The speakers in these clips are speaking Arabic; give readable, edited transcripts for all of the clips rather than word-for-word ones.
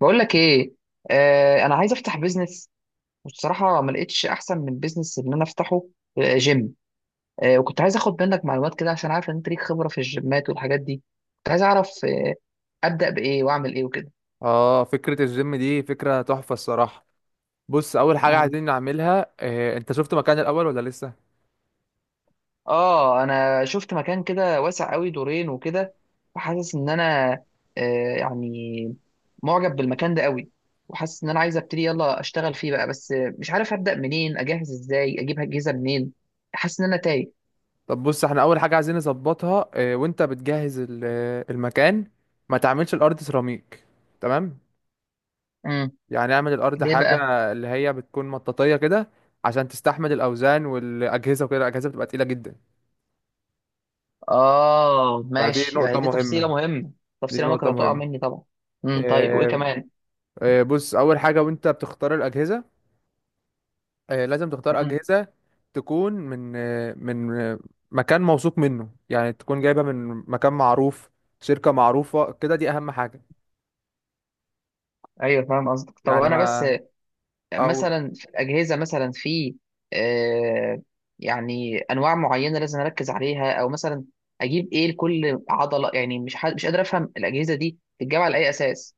بقول لك ايه؟ انا عايز افتح بيزنس. والصراحه ما لقيتش احسن من بيزنس ان انا افتحه. جيم. وكنت عايز اخد منك معلومات كده، عشان عارف ان انت ليك خبره في الجيمات والحاجات دي. كنت عايز اعرف ابدا بايه واعمل ايه وكده. اه، فكرة الجيم دي فكرة تحفة الصراحة. بص، اول حاجة مم. عايزين نعملها إيه؟ انت شفت مكان الاول ولا لسه؟ اه، انا شفت مكان كده واسع قوي، دورين وكده، وحاسس ان انا يعني معجب بالمكان ده قوي، وحاسس ان انا عايز ابتدي، يلا اشتغل فيه بقى، بس مش عارف ابدا منين، اجهز ازاي، اجيب اجهزه منين. حاسس ان انا تايه. طب بص، احنا اول حاجة عايزين نظبطها إيه وانت بتجهز المكان، ما تعملش الارض سيراميك. تمام. مم. يعني اعمل الارض ليه حاجة بقى؟ اللي هي بتكون مطاطية كده، عشان تستحمل الاوزان والاجهزة وكده. الاجهزة بتبقى تقيلة جدا، اه فدي ماشي، هي نقطة دي تفصيله مهمة. مهمه. دي تفصيله ممكن نقطة هتقع مهمة. مني طبعا. طيب، وايه إيه؟ كمان؟ إيه، بص، اول حاجة وانت بتختار الاجهزة، لازم تختار امم أجهزة تكون من مكان موثوق منه، يعني تكون جايبة من مكان معروف، شركة معروفة كده. دي أهم حاجة. ايوه فاهم قصدك، طب يعني انا بس ما، أو مثلا في الاجهزه، مثلا في آه يعني انواع معينه لازم اركز عليها، او مثلا اجيب ايه لكل عضله؟ يعني مش حد، مش قادر افهم الاجهزه دي بتتجمع على اي اساس.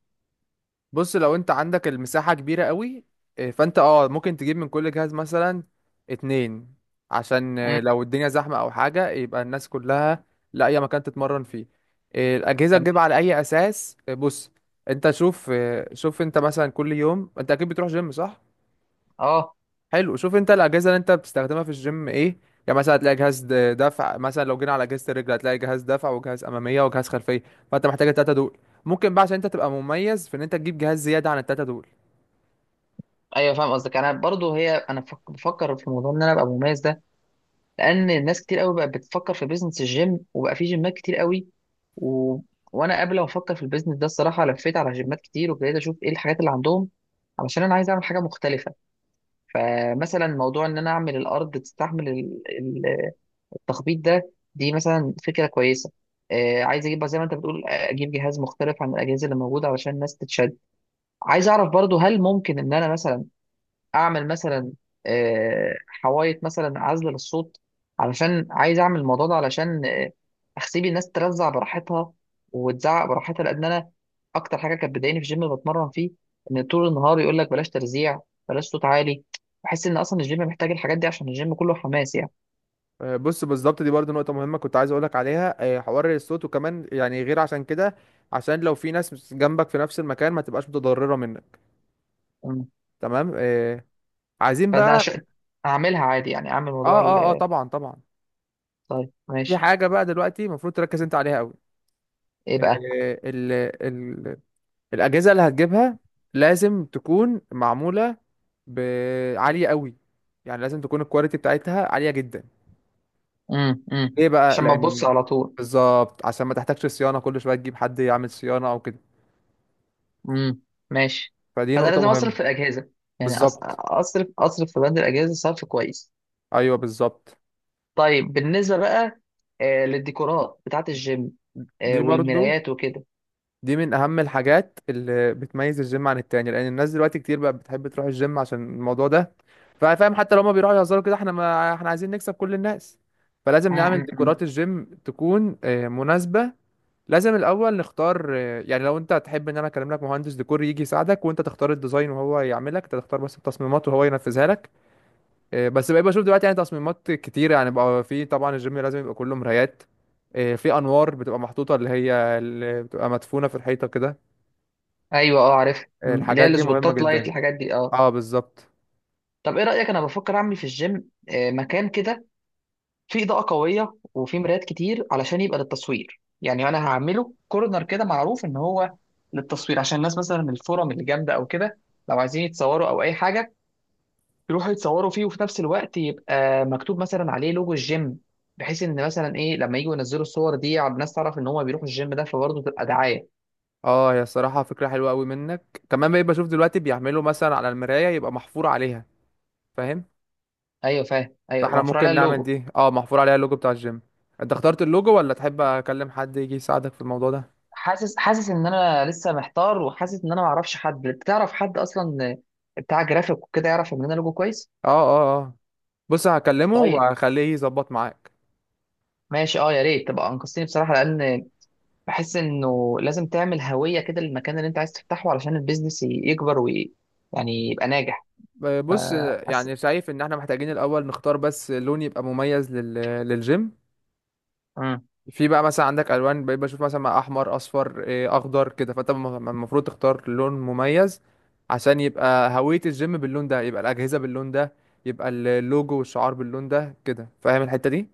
بص، لو أنت عندك المساحة كبيرة قوي، فأنت ممكن تجيب من كل جهاز مثلا اتنين، عشان امم. لو الدنيا زحمة أو حاجة يبقى الناس كلها لاقية مكان تتمرن فيه. الأجهزة تمام. تجيبها على أي أساس؟ بص، أنت شوف، شوف أنت مثلا كل يوم أنت أكيد بتروح جيم، صح؟ اه. حلو، شوف انت الاجهزه اللي انت بتستخدمها في الجيم ايه. يعني مثلا هتلاقي دفع. مثلا لو جينا على اجهزه الرجل، هتلاقي جهاز دفع وجهاز اماميه وجهاز خلفيه، فانت محتاج التلاته دول. ممكن بقى، عشان انت تبقى مميز، في ان انت تجيب جهاز زياده عن التلاته دول. ايوه فاهم قصدك. انا برضو، هي انا بفكر في موضوع ان انا ابقى مميز ده، لان ناس كتير قوي بقت بتفكر في بيزنس الجيم، وبقى في جيمات كتير قوي. و... وانا قبل ما افكر في البيزنس ده، الصراحه لفيت على جيمات كتير، وابتديت اشوف ايه الحاجات اللي عندهم، علشان انا عايز اعمل حاجه مختلفه. فمثلا موضوع ان انا اعمل الارض تستحمل التخبيط ده، دي مثلا فكره كويسه. عايز اجيب بقى زي ما انت بتقول، اجيب جهاز مختلف عن الاجهزه اللي موجوده، علشان الناس تتشد. عايز اعرف برضو، هل ممكن ان انا مثلا اعمل مثلا حوايط مثلا عزل للصوت؟ علشان عايز اعمل الموضوع ده، علشان اسيب الناس ترزع براحتها وتزعق براحتها، لان انا اكتر حاجه كانت بتضايقني في الجيم اللي بتمرن فيه، ان طول النهار يقول لك بلاش ترزيع، بلاش صوت عالي. بحس ان اصلا الجيم محتاج الحاجات دي، عشان الجيم كله حماس يعني. بص، بالظبط، دي برضو نقطه مهمه كنت عايز اقولك عليها. حوار الصوت، وكمان يعني غير عشان كده، عشان لو في ناس جنبك في نفس المكان ما تبقاش متضرره منك. مم. تمام. عايزين فانا بقى. عشان اعملها عادي، يعني اعمل موضوع اه اه اه، طبعا طبعا. طيب في ماشي. حاجه بقى دلوقتي المفروض تركز انت عليها قوي: ايه بقى؟ الأجهزة اللي هتجيبها لازم تكون معمولة عالية قوي، يعني لازم تكون الكواليتي بتاعتها عالية جدا. امم. ليه بقى؟ عشان ما تبص لأن، على طول. بالظبط، عشان ما تحتاجش صيانة كل شوية تجيب حد يعمل صيانة أو كده. امم. ماشي. فدي فانا نقطة لازم اصرف مهمة. في الاجهزه، يعني أص- بالظبط. اصرف اصرف في بند الاجهزه صرف كويس. أيوه بالظبط. طيب بالنسبه بقى للديكورات بتاعه الجيم، دي برضو، والمرايات وكده. دي من أهم الحاجات اللي بتميز الجيم عن التاني، لأن الناس دلوقتي كتير بقى بتحب تروح الجيم عشان الموضوع ده، فاهم؟ حتى لو هما بيروحوا يهزروا كده، احنا ما احنا عايزين نكسب كل الناس، فلازم نعمل امم. أمم. ديكورات الجيم تكون مناسبة. لازم الاول نختار، يعني لو انت تحب ان انا اكلم لك مهندس ديكور يجي يساعدك وانت تختار الديزاين، وهو يعملك، انت تختار بس التصميمات وهو ينفذها لك. بس بقى بشوف دلوقتي يعني تصميمات كتيره. يعني بقى، في طبعا، الجيم لازم يبقى كله مرايات. في انوار بتبقى محطوطه، اللي هي اللي بتبقى مدفونه في الحيطه كده. ايوه اه عارف، اللي هي الحاجات دي مهمه السبوتات لايت جدا. الحاجات دي، اه. اه بالظبط. طب ايه رايك؟ انا بفكر اعمل في الجيم مكان كده فيه اضاءه قويه وفيه مرايات كتير، علشان يبقى للتصوير. يعني انا هعمله كورنر كده معروف ان هو للتصوير، عشان الناس مثلا من الفورم اللي جامده او كده، لو عايزين يتصوروا او اي حاجه، يروحوا يتصوروا فيه. وفي نفس الوقت يبقى مكتوب مثلا عليه لوجو الجيم، بحيث ان مثلا ايه، لما يجوا ينزلوا الصور دي على الناس، تعرف ان هم بيروحوا الجيم ده، فبرضه تبقى دعايه. اه، هي الصراحه فكره حلوه قوي منك. كمان بقى بشوف دلوقتي بيعملوا مثلا على المرايه يبقى محفور عليها، فاهم؟ ايوه فاهم، ايوه فاحنا مفروض عليها ممكن نعمل اللوجو. دي، اه، محفور عليها اللوجو بتاع الجيم. انت اخترت اللوجو ولا تحب اكلم حد يجي يساعدك في الموضوع ده؟ اه حاسس حاسس ان انا لسه محتار، وحاسس ان انا ما اعرفش حد، تعرف حد اصلا بتاع جرافيك وكده يعرف يعمل لنا لوجو كويس؟ اه، اه بص، هكلمه طيب وهخليه يظبط معاك. ماشي، اه يا ريت تبقى انقذتني بصراحه، لان بحس انه لازم تعمل هويه كده للمكان اللي انت عايز تفتحه، علشان البيزنس يكبر يعني يبقى ناجح. بص، فحاسس. يعني شايف ان احنا محتاجين الاول نختار بس لون يبقى مميز للجيم. في بقى مثلا عندك الوان، بقيت بشوف مثلا مع احمر، اصفر، اخضر كده. فانت المفروض تختار لون مميز عشان يبقى هوية الجيم باللون ده، يبقى الاجهزة باللون ده، يبقى اللوجو والشعار باللون ده كده، فاهم الحتة دي؟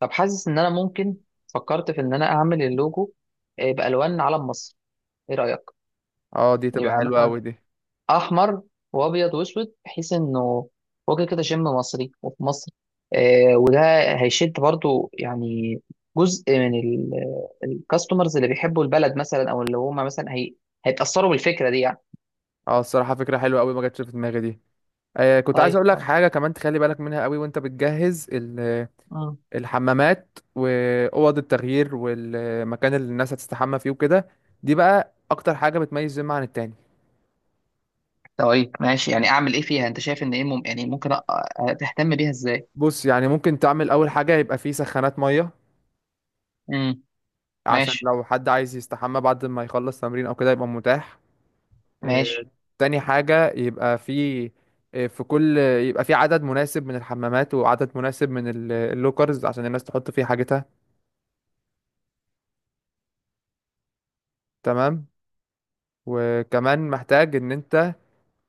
طب حاسس ان انا ممكن، فكرت في ان انا اعمل اللوجو بالوان علم مصر. ايه رايك؟ اه دي تبقى يبقى حلوة مثلا قوي دي. احمر وابيض واسود، بحيث انه وجه كده شم مصري وفي مصر. وده هيشد برضو، يعني جزء من الكاستمرز اللي بيحبوا البلد مثلا، او اللي هم مثلا هي هيتاثروا بالفكره دي يعني. اه الصراحة فكرة حلوة قوي، ما جاتش في دماغي دي. آه، كنت عايز طيب. اقول لك آه. حاجة كمان تخلي بالك منها قوي وانت بتجهز مم. الحمامات، واوض التغيير، والمكان اللي الناس هتستحمى فيه وكده. دي بقى اكتر حاجة بتميز جيم عن التاني. طيب ماشي. يعني اعمل ايه فيها؟ انت شايف ان ايه يعني ممكن تهتم بيها ازاي. بص، يعني ممكن تعمل اول حاجة يبقى فيه سخانات مية، امم. عشان ماشي. لو حد عايز يستحمى بعد ما يخلص تمرين او كده يبقى متاح. آه. ماشي. تاني حاجة يبقى فيه، آه، في كل يبقى في عدد مناسب من الحمامات، وعدد مناسب من اللوكرز عشان الناس تحط فيه حاجتها. تمام. وكمان محتاج ان انت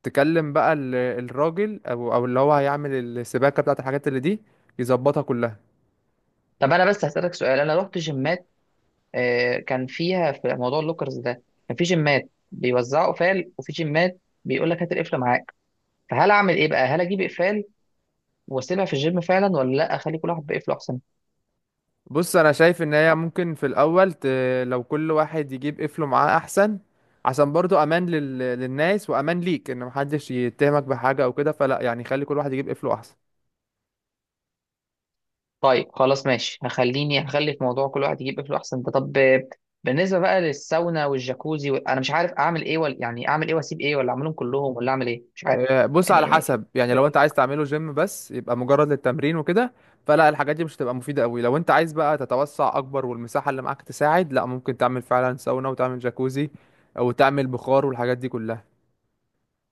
تكلم بقى الراجل، او اللي هو هيعمل السباكه بتاعت الحاجات اللي دي، يظبطها كلها. طب انا بس هسألك سؤال، انا رحت جيمات كان فيها في موضوع اللوكرز ده، كان في جيمات بيوزعوا قفال، وفي جيمات بيقول لك هات القفل معاك. فهل اعمل ايه بقى، هل اجيب اقفال واسيبها في الجيم فعلا، ولا لا اخلي كل واحد بقفله احسن؟ بص، انا شايف ان هي ممكن لو كل واحد يجيب قفله معاه احسن، عشان برضو امان للناس، وامان ليك ان محدش يتهمك بحاجه او كده. فلا يعني، خلي كل واحد يجيب قفله احسن. طيب خلاص ماشي، هخلي في موضوع كل واحد يجيب قفله احسن ده. طب بالنسبه بقى للساونا والجاكوزي انا مش عارف اعمل ايه، ولا يعني اعمل ايه واسيب ايه، ولا اعملهم كلهم، ولا اعمل ايه، مش عارف بص، على يعني. حسب، يعني لو انت عايز تعمله جيم بس يبقى مجرد للتمرين وكده، فلا الحاجات دي مش هتبقى مفيدة قوي. لو انت عايز بقى تتوسع اكبر والمساحة اللي معاك تساعد، لا، ممكن تعمل فعلا ساونا وتعمل جاكوزي، او تعمل بخار والحاجات دي كلها.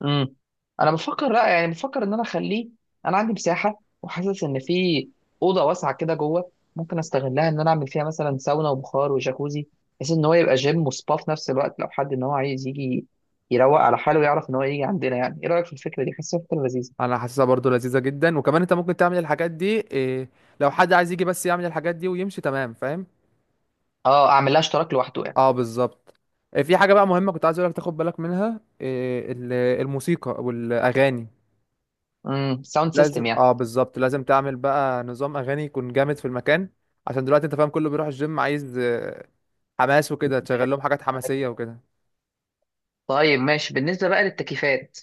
امم انا بفكر لا، يعني بفكر ان انا اخليه. انا عندي مساحه، وحاسس ان في اوضه واسعه كده جوه، ممكن استغلها ان انا اعمل فيها مثلا ساونا وبخار وجاكوزي، بحيث ان هو يبقى جيم وسبا في نفس الوقت. لو حد ان هو عايز يجي يروق على حاله، يعرف ان هو يجي عندنا. يعني ايه رايك في الفكره دي؟ حاسسها فكره لذيذه. انا حاسسها برضو لذيذة جدا، وكمان انت ممكن تعمل الحاجات دي، إيه، لو حد عايز يجي بس يعمل الحاجات دي ويمشي. تمام، فاهم؟ اه اعمل لها اشتراك لوحده يعني. اه بالظبط. في حاجة بقى مهمة كنت عايز اقولك تاخد بالك منها، إيه الموسيقى والاغاني. امم، ساوند لازم، سيستم يعني. اه بالظبط، لازم تعمل بقى نظام اغاني يكون جامد في المكان، عشان دلوقتي انت فاهم، كله بيروح الجيم عايز حماس وكده. تشغل لهم حاجات حماسية وكده. طيب ماشي، بالنسبه بقى للتكييفات.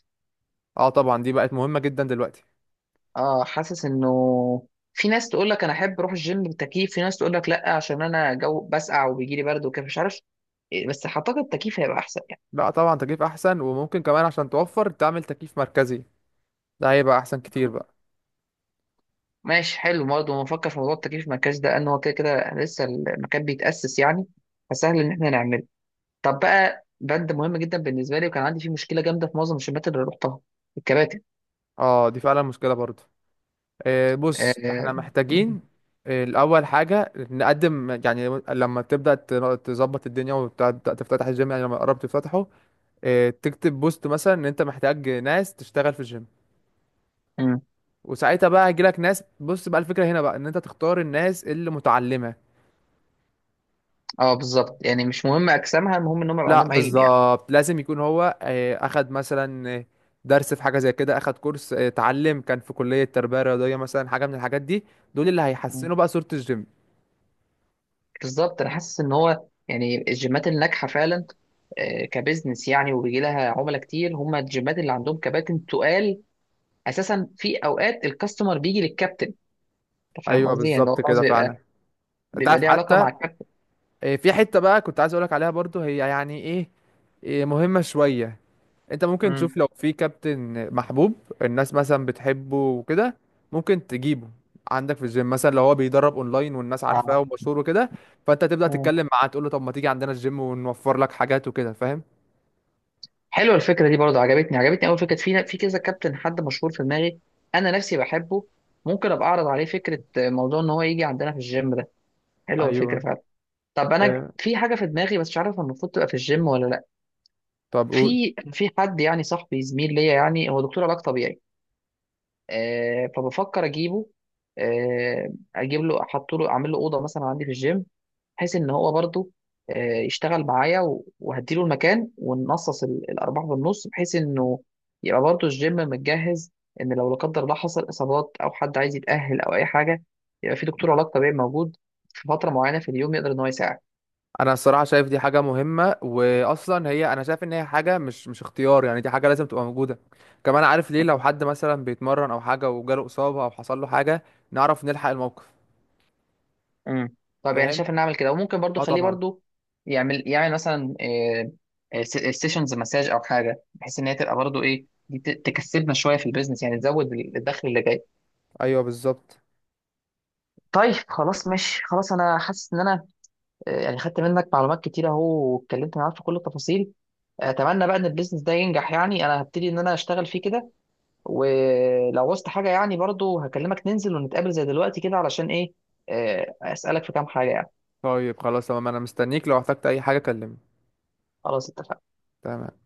اه طبعا، دي بقت مهمة جدا دلوقتي. اه، حاسس انه في ناس تقول لك انا احب اروح الجيم بالتكييف، في ناس تقول لك لا عشان انا جو بسقع وبيجي لي برد وكده، مش عارف بس اعتقد التكييف هيبقى احسن يعني. بقى طبعا تكييف احسن، وممكن كمان عشان توفر تعمل تكييف مركزي، ده هيبقى احسن كتير بقى. ماشي، حلو. برضه بفكر في موضوع التكييف في المركز ده، ان هو كده كده لسه المكان بيتاسس يعني، فسهل ان احنا نعمله. طب بقى بند مهم جدا بالنسبه لي، وكان عندي فيه مشكله جامده في معظم الجيمات اللي رحتها: الكباتن. اه دي فعلا مشكلة برضو. آه، اه, بص، احنا آه, محتاجين الاول حاجة نقدم، يعني لما تبدأ تظبط الدنيا وتبدأ تفتتح الجيم، يعني لما قربت تفتحه، تكتب بوست مثلا ان انت محتاج ناس تشتغل في الجيم. آه, وساعتها بقى هيجيلك ناس. بص بقى، الفكرة هنا بقى ان انت تختار الناس اللي متعلمة. بالظبط، يعني مش مهم اجسامها، المهم انهم يبقى لا عندهم علم. بالظبط، لازم يكون هو، اخد مثلا، درس في حاجة زي كده، اخد كورس، اتعلم، كان في كلية تربية رياضية مثلا، حاجة من الحاجات دي. دول اللي يعني هيحسنوا بقى صورة الجيم. بالظبط، انا حاسس ان هو يعني الجيمات الناجحه فعلا كبزنس يعني، وبيجي لها عملاء كتير، هم الجيمات اللي عندهم كباتن تقال اساسا. في اوقات الكاستمر بيجي للكابتن. انت فاهم ايوه قصدي، يعني بالظبط هو خلاص كده فعلا. بيبقى انت بيبقى عارف ليه علاقه حتى، مع الكابتن. في حتة بقى كنت عايز اقولك عليها برضو، هي يعني ايه، مهمة شوية. انت ممكن امم. تشوف لو في كابتن محبوب الناس مثلا بتحبه وكده، ممكن تجيبه عندك في الجيم. مثلا لو هو بيدرب اونلاين والناس عارفاه اه. ومشهور وكده، فانت تبدأ امم. تتكلم معاه تقول له طب ما تيجي عندنا الجيم ونوفر لك حاجات وكده، فاهم؟ حلوه الفكره دي برضو، عجبتني عجبتني. اول فكره، في كذا كابتن، حد مشهور في دماغي انا نفسي بحبه، ممكن ابقى اعرض عليه فكره موضوع ان هو يجي عندنا في الجيم ده. حلوه الفكره ايوه. فعلا. طب انا آه، في حاجه في دماغي، بس مش عارف المفروض تبقى في الجيم ولا. طب قول. في حد، يعني صاحبي زميل ليا، يعني هو دكتور علاج طبيعي، فبفكر اجيبه، اجيب له، احط له، اعمل له اوضه مثلا عندي في الجيم، بحيث ان هو برضو يشتغل معايا، وهديله المكان، ونقصص الارباح بالنص، بحيث انه يبقى برضو الجيم متجهز، ان لو لا قدر الله حصل اصابات، او حد عايز يتاهل او اي حاجه، يبقى في دكتور علاج طبيعي موجود في فتره معينه في اليوم، يقدر ان هو يساعد. انا الصراحه شايف دي حاجه مهمه، واصلا هي انا شايف ان هي حاجه مش، مش اختيار، يعني دي حاجه لازم تبقى موجوده. كمان عارف ليه؟ لو حد مثلا بيتمرن او حاجه وجاله اصابه او حصل له حاجه، نعرف نلحق الموقف. امم. طب يعني فاهم؟ شايف ان اعمل كده، وممكن برضو اه خليه طبعا. برضو يعمل يعمل مثلا سيشنز مساج او حاجه، بحيث ان هي تبقى برضو ايه دي، تكسبنا شويه في البيزنس، يعني تزود الدخل اللي جاي. ايوه بالظبط. طيب خلاص ماشي، خلاص انا حاسس ان انا يعني خدت منك معلومات كتير اهو، واتكلمت معاك في كل التفاصيل. اتمنى بقى ان البيزنس ده ينجح، يعني انا هبتدي ان انا اشتغل فيه كده، ولو وصلت حاجه يعني برضو هكلمك، ننزل ونتقابل زي دلوقتي كده، علشان ايه، اسالك في كام حاجه يعني. طيب خلاص تمام، انا مستنيك، لو احتجت اي حاجة كلمني. خلاص اتفقنا. تمام.